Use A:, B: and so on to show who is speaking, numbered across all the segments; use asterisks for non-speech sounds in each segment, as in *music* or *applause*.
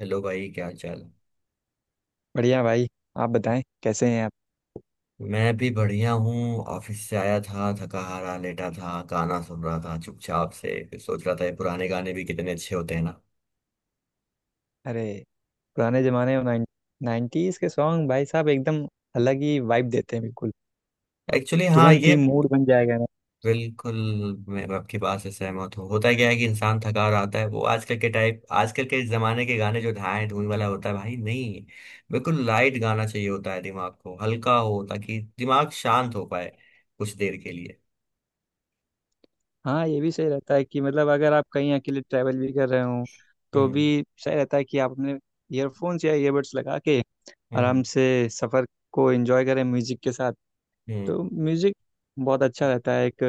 A: Hello भाई, क्या हाल चाल।
B: बढ़िया भाई। आप बताएं कैसे हैं आप।
A: मैं भी बढ़िया हूँ। ऑफिस से आया था, थका हारा लेटा था, गाना सुन रहा था चुपचाप से। फिर सोच रहा था, ये पुराने गाने भी कितने अच्छे होते हैं ना।
B: अरे, पुराने जमाने में नाइन्टीज के सॉन्ग भाई साहब एकदम अलग ही वाइब देते हैं बिल्कुल।
A: एक्चुअली हाँ
B: तुरंत
A: ये,
B: ही मूड बन जाएगा ना।
A: बिल्कुल। मैं आपकी बात से सहमत हूँ। होता क्या है कि इंसान थका हारा आता है, वो आजकल के टाइप आजकल के जमाने के गाने जो ढाए धून वाला होता है, भाई नहीं। बिल्कुल लाइट गाना चाहिए होता है, दिमाग को हल्का हो ताकि दिमाग शांत हो पाए कुछ देर के लिए।
B: हाँ, ये भी सही रहता है कि मतलब अगर आप कहीं अकेले ट्रैवल भी कर रहे हो, तो भी
A: हम्म,
B: सही रहता है कि आप अपने ईयरफोन्स या ईयरबड्स लगा के
A: हम्म,
B: आराम से सफ़र को एंजॉय करें म्यूजिक के साथ।
A: हम्म।
B: तो म्यूजिक बहुत अच्छा रहता है, एक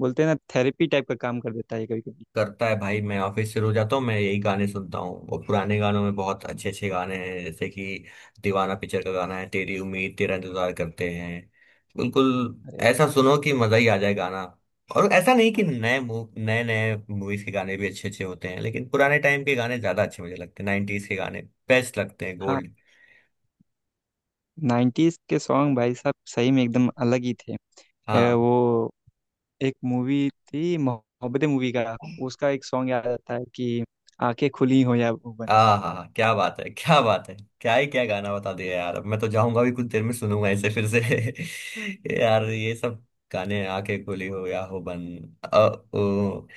B: बोलते हैं ना, थेरेपी टाइप का काम कर देता है कभी कभी।
A: करता है भाई। मैं ऑफिस से रोज आता हूँ, मैं यही गाने सुनता हूँ। और पुराने गानों में बहुत अच्छे अच्छे गाने हैं। जैसे कि दीवाना पिक्चर का गाना है, तेरी उम्मीद तेरा इंतजार करते हैं। बिल्कुल
B: अरे
A: ऐसा, सुनो कि मजा ही आ जाए गाना। और ऐसा नहीं कि नए नए नए मूवीज के गाने भी अच्छे अच्छे होते हैं, लेकिन पुराने टाइम के गाने ज्यादा अच्छे मुझे लगते हैं। 90s के गाने बेस्ट लगते हैं,
B: हाँ,
A: गोल्ड।
B: नाइन्टीज के सॉन्ग भाई साहब सही में एकदम अलग ही थे।
A: हाँ,
B: वो एक मूवी थी मोहब्बतें, मूवी का उसका एक सॉन्ग याद आता है कि आंखें खुली हो या वो बंद,
A: हाँ, हाँ, क्या बात है, क्या बात है। क्या ही, क्या गाना बता दिया यार। अब मैं तो जाऊंगा भी, कुछ देर में सुनूंगा इसे फिर से। *laughs* यार ये सब गाने, आके खुली हो या हो बन। अ, ओ,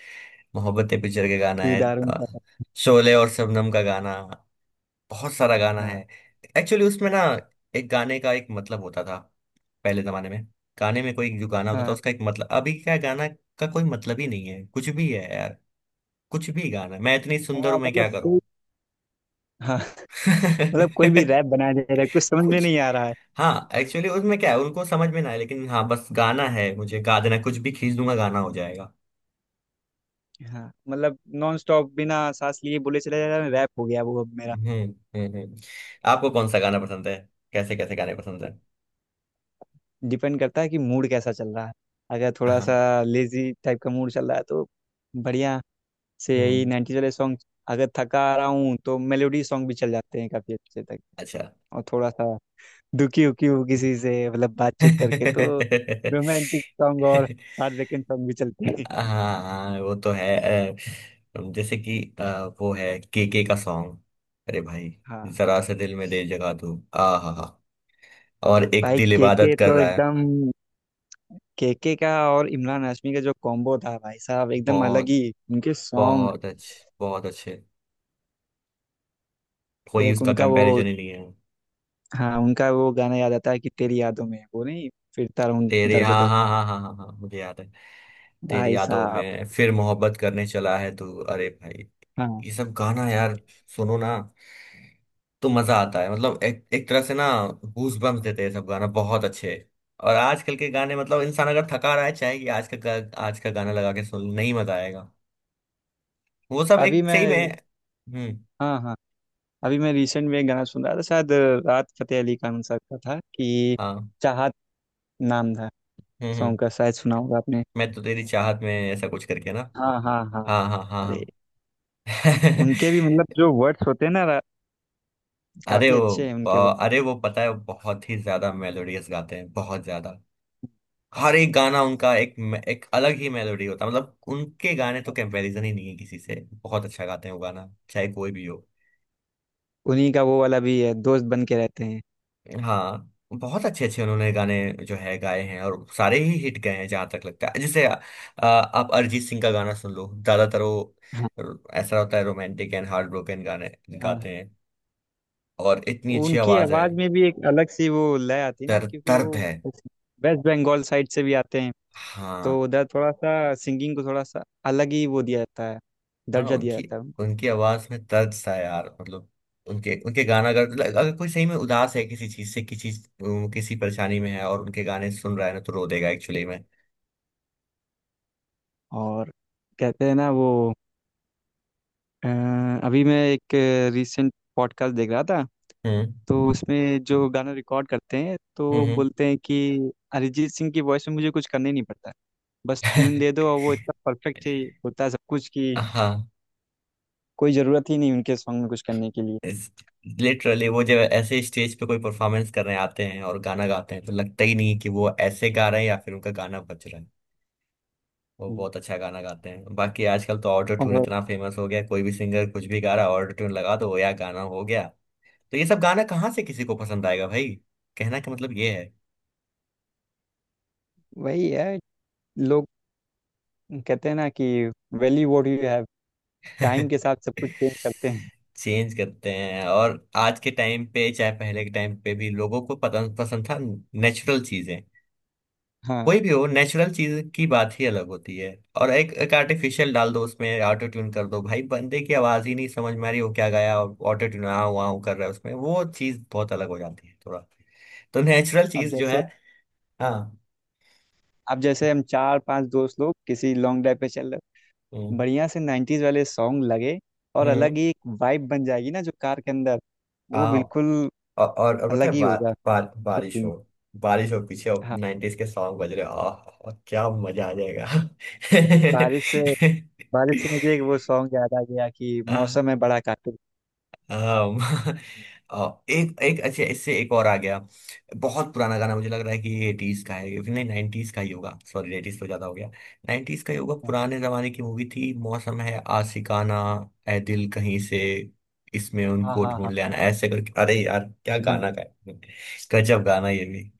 A: मोहब्बतें पिक्चर के गाना है।
B: दीदार उनका।
A: शोले और शबनम का गाना, बहुत सारा गाना
B: हाँ
A: है। एक्चुअली उसमें ना, एक गाने का एक मतलब होता था पहले जमाने में। गाने में कोई जो गाना होता था,
B: हाँ
A: उसका एक मतलब। अभी क्या गाना का कोई मतलब ही नहीं है, कुछ भी है यार। कुछ भी गाना, मैं इतनी सुंदर
B: हाँ,
A: हूं मैं
B: मतलब
A: क्या करूं।
B: कोई हाँ मतलब कोई भी रैप
A: *laughs*
B: बनाया जा रहा है, कुछ समझ में
A: कुछ,
B: नहीं आ रहा है।
A: हाँ एक्चुअली उसमें क्या है उनको समझ में ना है, लेकिन हाँ बस गाना है, मुझे गा देना कुछ भी, खींच दूंगा गाना हो जाएगा।
B: हाँ, मतलब नॉन स्टॉप बिना सांस लिए बोले चला जा रहा है, रैप हो गया वो अब मेरा।
A: हम्म, हम्म, आपको कौन सा गाना पसंद है, कैसे कैसे गाने पसंद है?
B: डिपेंड करता है कि मूड कैसा चल रहा है। अगर थोड़ा
A: हाँ।
B: सा लेजी टाइप का मूड चल रहा है तो बढ़िया से यही
A: हम्म।
B: 90s वाले सॉन्ग। अगर थका आ रहा हूँ तो मेलोडी सॉन्ग भी चल जाते हैं काफी अच्छे तक।
A: अच्छा।
B: और थोड़ा सा दुखी उखी हूँ किसी से, मतलब बातचीत करके, तो रोमांटिक सॉन्ग और
A: *laughs*
B: हार्ट ब्रेकिंग सॉन्ग भी चलते हैं।
A: हाँ, हाँ, वो तो है। अ, जैसे कि वो है के का सॉन्ग, अरे भाई,
B: हाँ,
A: जरा से दिल में दे जगह तू आ हा हा। और एक,
B: भाई
A: दिल इबादत
B: केके
A: कर
B: तो
A: रहा है।
B: एकदम, केके का और इमरान हाशमी का जो कॉम्बो था भाई साहब, एकदम अलग
A: बहुत,
B: ही उनके सॉन्ग।
A: बहुत अच्छे, बहुत अच्छे। कोई
B: एक
A: उसका
B: उनका वो
A: कंपैरिजन ही नहीं है।
B: हाँ, उनका वो गाना याद आता है कि तेरी यादों में वो नहीं, फिरता रहूं
A: तेरी,
B: दर
A: हाँ,
B: बदर।
A: हाँ, हाँ, हाँ, हाँ, हाँ, मुझे याद है। तेरी
B: भाई
A: यादों
B: साहब,
A: में फिर, मोहब्बत करने चला है तू, अरे भाई।
B: हाँ।
A: ये सब गाना यार, सुनो ना, तो मजा आता है। मतलब एक एक तरह से ना गूज बम्स देते हैं, सब गाना बहुत अच्छे। और आजकल के गाने, मतलब इंसान अगर थका रहा है, चाहे कि आज का आज का गाना लगा के सुन, नहीं मजा आएगा। वो सब
B: अभी
A: एक, सही में।
B: मैं
A: हम्म।
B: हाँ हाँ, अभी मैं रिसेंट में एक गाना सुन रहा था शायद राहत फतेह अली खान साहब का था कि
A: हाँ।
B: चाहत नाम था
A: हम्म, हम्म।
B: सॉन्ग का, शायद सुना होगा आपने।
A: मैं तो तेरी चाहत में, ऐसा कुछ करके ना।
B: हाँ हाँ हाँ,
A: हाँ, हाँ,
B: अरे,
A: हाँ, हाँ।
B: उनके
A: *laughs*
B: भी मतलब जो वर्ड्स होते हैं ना
A: अरे
B: काफी
A: वो,
B: अच्छे हैं उनके वर्ड।
A: अरे वो पता है, वो बहुत ही ज्यादा मेलोडियस गाते हैं, बहुत ज्यादा। हर एक गाना उनका एक, एक अलग ही मेलोडी होता है। मतलब उनके गाने तो कंपैरिजन ही नहीं है किसी से। बहुत अच्छा गाते हैं वो, गाना चाहे कोई भी हो।
B: उन्हीं का वो वाला भी है, दोस्त बन के रहते हैं।
A: हाँ, बहुत अच्छे अच्छे उन्होंने गाने जो है गाए हैं, और सारे ही हिट गए हैं जहां तक लगता है। जैसे आप अरिजीत सिंह का गाना सुन लो, ज्यादातर वो
B: हाँ।
A: ऐसा होता है, रोमांटिक एंड हार्ट ब्रोकन गाने
B: हाँ
A: गाते हैं। और इतनी अच्छी
B: उनकी
A: आवाज है,
B: आवाज में भी एक अलग सी वो लय आती है ना,
A: दर्द,
B: क्योंकि वो
A: दर्द है।
B: वेस्ट बंगाल साइड से भी आते हैं। तो
A: हाँ।
B: उधर थोड़ा सा सिंगिंग को थोड़ा सा अलग ही वो दिया जाता है,
A: हाँ
B: दर्जा दिया
A: उनकी,
B: जाता है उनको।
A: उनकी आवाज में दर्द सा है यार। मतलब उनके, उनके गाना अगर अगर कोई सही में उदास है किसी चीज से, किसी किसी परेशानी में है और उनके गाने सुन रहा है ना, तो रो देगा एक्चुअली में।
B: और कहते हैं ना वो, अ, अभी मैं एक रीसेंट पॉडकास्ट देख रहा था,
A: हम्म,
B: तो उसमें जो गाना रिकॉर्ड करते हैं तो
A: हम्म,
B: वो
A: हम्म।
B: बोलते हैं कि अरिजीत सिंह की वॉइस में मुझे कुछ करना ही नहीं पड़ता, बस ट्यून दे दो और वो इतना परफेक्ट ही होता है सब कुछ कि
A: *laughs* हाँ।
B: कोई ज़रूरत ही नहीं उनके सॉन्ग में कुछ करने के लिए।
A: लिटरली वो जब ऐसे स्टेज पे कोई परफॉर्मेंस करने आते हैं और गाना गाते हैं, तो लगता ही नहीं कि वो ऐसे गा रहे हैं या फिर उनका गाना बज रहा है। वो
B: हम्म।
A: बहुत अच्छा गाना गाते हैं। बाकी आजकल तो ऑटो ट्यून
B: और
A: इतना फेमस हो गया है, कोई भी सिंगर कुछ भी गा रहा है, ऑटो ट्यून लगा दो या गाना हो गया। तो ये सब गाना कहाँ से किसी को पसंद आएगा भाई? कहना का मतलब ये
B: वही है, लोग कहते हैं ना कि value what you have, time
A: है।
B: के
A: *laughs*
B: साथ सब कुछ चेंज करते हैं।
A: चेंज करते हैं, और आज के टाइम पे, चाहे पहले के टाइम पे भी लोगों को पसंद, पसंद था। नेचुरल चीजें
B: हाँ,
A: कोई भी हो, नेचुरल चीज की बात ही अलग होती है। और एक, एक आर्टिफिशियल डाल दो, उसमें ऑटो ट्यून कर दो, भाई बंदे की आवाज ही नहीं समझ में आ रही, हो क्या गाया और ऑटो ट्यून आ हुआ कर रहा है उसमें, वो चीज बहुत अलग हो जाती है, थोड़ा। तो नेचुरल
B: अब
A: चीज जो है।
B: जैसे
A: हाँ।
B: अब जैसे हम चार पांच दोस्त लोग किसी लॉन्ग ड्राइव पे चल रहे,
A: हम्म,
B: बढ़िया से 90s वाले सॉन्ग लगे, और अलग ही एक वाइब बन जाएगी ना जो कार के अंदर,
A: हम्म।
B: वो बिल्कुल
A: और और पता
B: अलग
A: है,
B: ही
A: बार,
B: होगा
A: बार,
B: उसका
A: बारिश हो,
B: scene।
A: बारिश हो पीछे,
B: हाँ,
A: 90s के सॉन्ग बज रहे, आह क्या मजा आ जाएगा।
B: बारिश से बारिश से मुझे एक वो सॉन्ग याद आ गया कि
A: *laughs* आह,
B: मौसम है बड़ा कातिल।
A: आम, एक, एक अच्छा इससे एक और आ गया। बहुत पुराना गाना मुझे लग रहा है कि ये 80s का है, ये नहीं, 90s का ही होगा। सॉरी, 80s तो ज्यादा हो गया, 90s का ही होगा।
B: हाँ
A: पुराने जमाने की मूवी थी, मौसम है आशिकाना, ए दिल कहीं से इसमें
B: हाँ
A: उनको
B: हाँ
A: ढूंढ
B: हाँ
A: ले आना, ऐसे करके, अरे यार, क्या गाना गाया। गजब गाना ये भी।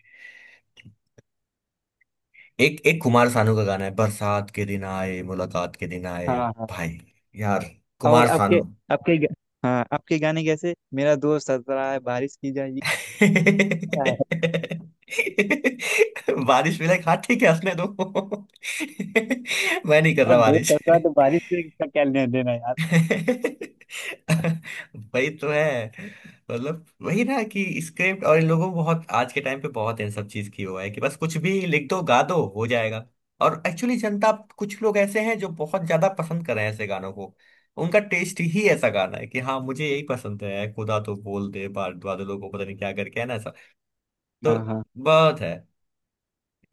A: एक, एक कुमार सानू का गाना है, बरसात के दिन आए, मुलाकात के दिन आए।
B: हाँ हाँ हाँ।
A: भाई यार,
B: और
A: कुमार
B: आपके
A: सानू।
B: आपके ग- हाँ, आपके गाने कैसे, मेरा दोस्त हंस रहा है बारिश की जाएगी। यार,
A: *laughs* बारिश मिले खा, ठीक है हंसने दो। *laughs* मैं नहीं कर रहा
B: दोस्त
A: बारिश।
B: हंस
A: *laughs*
B: रहा है तो बारिश से इसका क्या लेना देना है यार।
A: *laughs* वही तो है। मतलब वही ना कि स्क्रिप्ट, और इन लोगों को बहुत आज के टाइम पे बहुत इन सब चीज की हुआ है, कि बस कुछ भी लिख दो, गा दो, हो जाएगा। और एक्चुअली जनता, कुछ लोग ऐसे हैं जो बहुत ज्यादा पसंद कर रहे हैं ऐसे गानों को। उनका टेस्ट ही ऐसा गाना है कि हाँ मुझे यही पसंद है, खुदा तो बोल दे बाद बादलों को, पता नहीं क्या करके है ना, ऐसा। तो
B: हाँ हाँ,
A: बहुत है,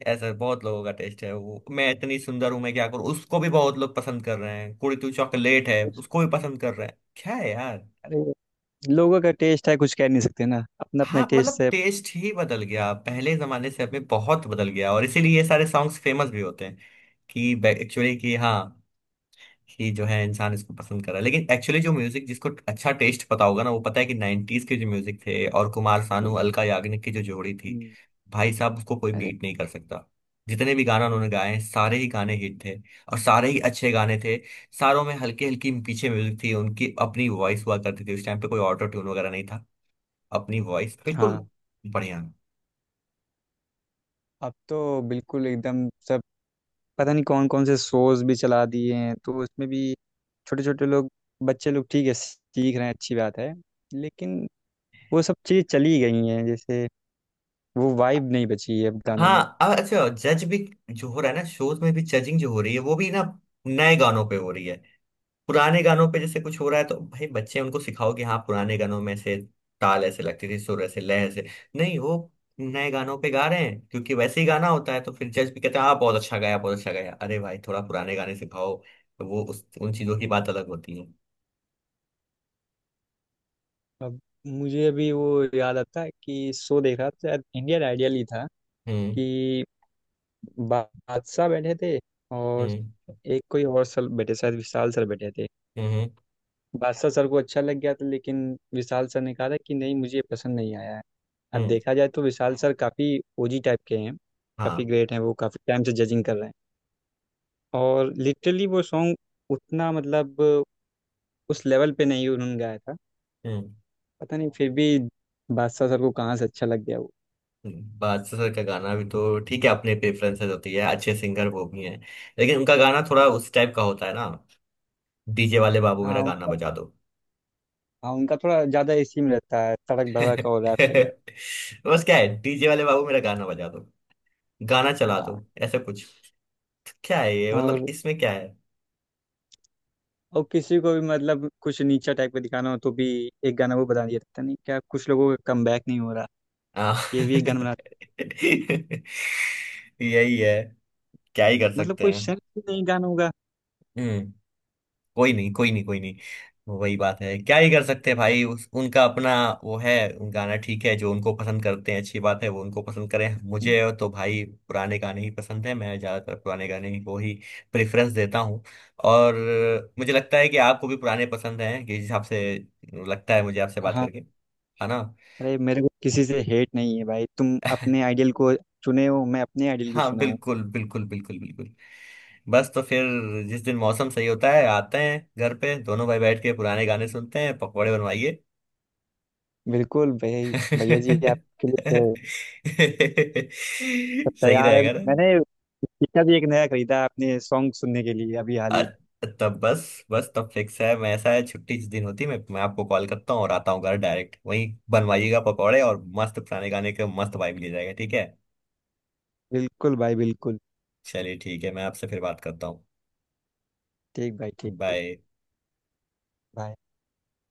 A: ऐसा बहुत लोगों का टेस्ट है। वो मैं इतनी सुंदर हूं मैं क्या करूं, उसको भी बहुत लोग पसंद कर रहे हैं। कुड़ी तू चॉकलेट है, उसको भी पसंद कर रहे हैं, क्या है यार।
B: अरे, लोगों का टेस्ट है, कुछ कह नहीं सकते ना, अपना अपना
A: हाँ
B: टेस्ट
A: मतलब
B: है।
A: टेस्ट ही बदल गया, पहले जमाने से अब में बहुत बदल गया, और इसीलिए ये सारे सॉन्ग्स फेमस भी होते हैं। कि एक्चुअली कि हाँ, कि जो है इंसान इसको पसंद कर रहा है। लेकिन एक्चुअली जो म्यूजिक, जिसको अच्छा टेस्ट पता होगा ना, वो पता है कि 90s के जो म्यूजिक थे, और कुमार सानू अलका याग्निक की जो जोड़ी थी,
B: हम्म,
A: भाई साहब उसको कोई
B: अरे
A: बीट नहीं कर सकता। जितने भी गाना उन्होंने गाए हैं, सारे ही गाने हिट थे, और सारे ही अच्छे गाने थे। सारों में हल्की हल्की पीछे म्यूजिक थी, उनकी अपनी वॉइस हुआ करती थी, उस टाइम पे कोई ऑटो ट्यून वगैरह नहीं था। अपनी वॉइस, बिल्कुल
B: हाँ।
A: बढ़िया।
B: अब तो बिल्कुल एकदम सब, पता नहीं कौन कौन से शोज भी चला दिए हैं, तो उसमें भी छोटे छोटे लोग, बच्चे लोग ठीक है सीख रहे हैं, अच्छी बात है। लेकिन वो सब चीज़ें चली गई हैं, जैसे वो वाइब नहीं बची है अब गानों में।
A: हाँ अब अच्छा, जज भी जो हो रहा है ना, शोज में भी जजिंग जो हो रही है, वो भी ना नए गानों पे हो रही है। पुराने गानों पे जैसे कुछ हो रहा है, तो भाई बच्चे उनको सिखाओ कि हाँ पुराने गानों में से ताल ऐसे लगती थी, सुर ऐसे, लय ऐसे। नहीं, वो नए गानों पे गा रहे हैं क्योंकि वैसे ही गाना होता है, तो फिर जज भी कहते हैं हाँ बहुत अच्छा गाया, बहुत अच्छा गाया। अरे भाई, थोड़ा पुराने गाने सिखाओ, तो वो, उस उन चीजों की बात अलग होती है।
B: अब मुझे अभी वो याद आता है कि शो देख रहा था शायद इंडियन आइडियल ही था
A: हम्म,
B: कि बा- बादशाह बैठे थे और
A: हम्म,
B: एक कोई और सर बैठे शायद विशाल सर बैठे थे।
A: हम्म,
B: बादशाह सर को अच्छा लग गया था, लेकिन विशाल सर ने कहा था कि नहीं, मुझे ये पसंद नहीं आया है। अब
A: हम्म।
B: देखा जाए तो विशाल सर काफ़ी ओजी टाइप के हैं, काफ़ी
A: हाँ।
B: ग्रेट हैं, वो काफ़ी टाइम से जजिंग कर रहे हैं। और लिटरली वो सॉन्ग उतना, मतलब उस लेवल पे नहीं उन्होंने गाया था।
A: हम्म,
B: पता नहीं फिर भी बादशाह सर को कहाँ से अच्छा लग गया वो।
A: बादशाह सर का गाना भी तो ठीक है, अपने प्रेफरेंसेस होती है, अच्छे सिंगर वो भी हैं। लेकिन उनका गाना थोड़ा उस टाइप का होता है ना, डीजे वाले बाबू मेरा
B: हाँ
A: गाना
B: उनका
A: बजा दो।
B: हाँ, उनका थोड़ा ज़्यादा इसी में रहता है, सड़क भड़क
A: *laughs*
B: और रैप वगैरह।
A: बस क्या है, डीजे वाले बाबू मेरा गाना बजा दो, गाना चला
B: हाँ,
A: दो, ऐसा कुछ। क्या है ये, मतलब
B: और
A: इसमें क्या है?
B: और किसी को भी मतलब कुछ नीचा टाइप का दिखाना हो तो भी एक गाना वो बता दिया था, पता नहीं क्या, कुछ लोगों का कम बैक नहीं हो रहा,
A: हाँ।
B: ये भी एक गाना बना।
A: *laughs* यही है, क्या ही कर
B: मतलब
A: सकते
B: कोई
A: हैं।
B: सेंस ही नहीं गानों का।
A: हम्म। कोई नहीं, कोई नहीं, कोई नहीं। वही बात है, क्या ही कर सकते हैं भाई। उनका अपना वो है, उनका गाना ठीक है। जो उनको पसंद करते हैं अच्छी बात है, वो उनको पसंद करें। मुझे तो भाई पुराने गाने ही पसंद है, मैं ज्यादातर पुराने गाने ही को ही प्रेफरेंस देता हूँ। और मुझे लगता है कि आपको भी पुराने पसंद हैं, कि जिस हिसाब से लगता है मुझे आपसे बात
B: हाँ,
A: करके, है ना।
B: अरे मेरे को किसी से हेट नहीं है भाई, तुम अपने
A: *laughs*
B: आइडियल को चुने हो, मैं अपने आइडियल को
A: हाँ
B: चुना हूँ।
A: बिल्कुल, बिल्कुल, बिल्कुल, बिल्कुल। बस तो फिर, जिस दिन मौसम सही होता है, आते हैं घर पे, दोनों भाई बैठ के पुराने गाने सुनते हैं, पकौड़े बनवाइए।
B: बिल्कुल भाई।
A: *laughs*
B: भैया जी आपके लिए तो सब
A: सही
B: तैयार है,
A: रहेगा ना।
B: मैंने स्पीकर भी एक नया खरीदा है अपने सॉन्ग सुनने के लिए अभी हाल
A: अ-
B: ही में।
A: तब बस, बस तब फिक्स है। मैं ऐसा है, छुट्टी जिस दिन होती है, मैं आपको कॉल करता हूँ और आता हूँ घर डायरेक्ट, वहीं बनवाइएगा पकौड़े और मस्त पुराने गाने के मस्त वाइब ले जाएगा, ठीक है।
B: बिल्कुल भाई, बिल्कुल।
A: चलिए ठीक है, मैं आपसे फिर बात करता हूँ।
B: ठीक भाई, ठीक ठीक
A: बाय।
B: भाई।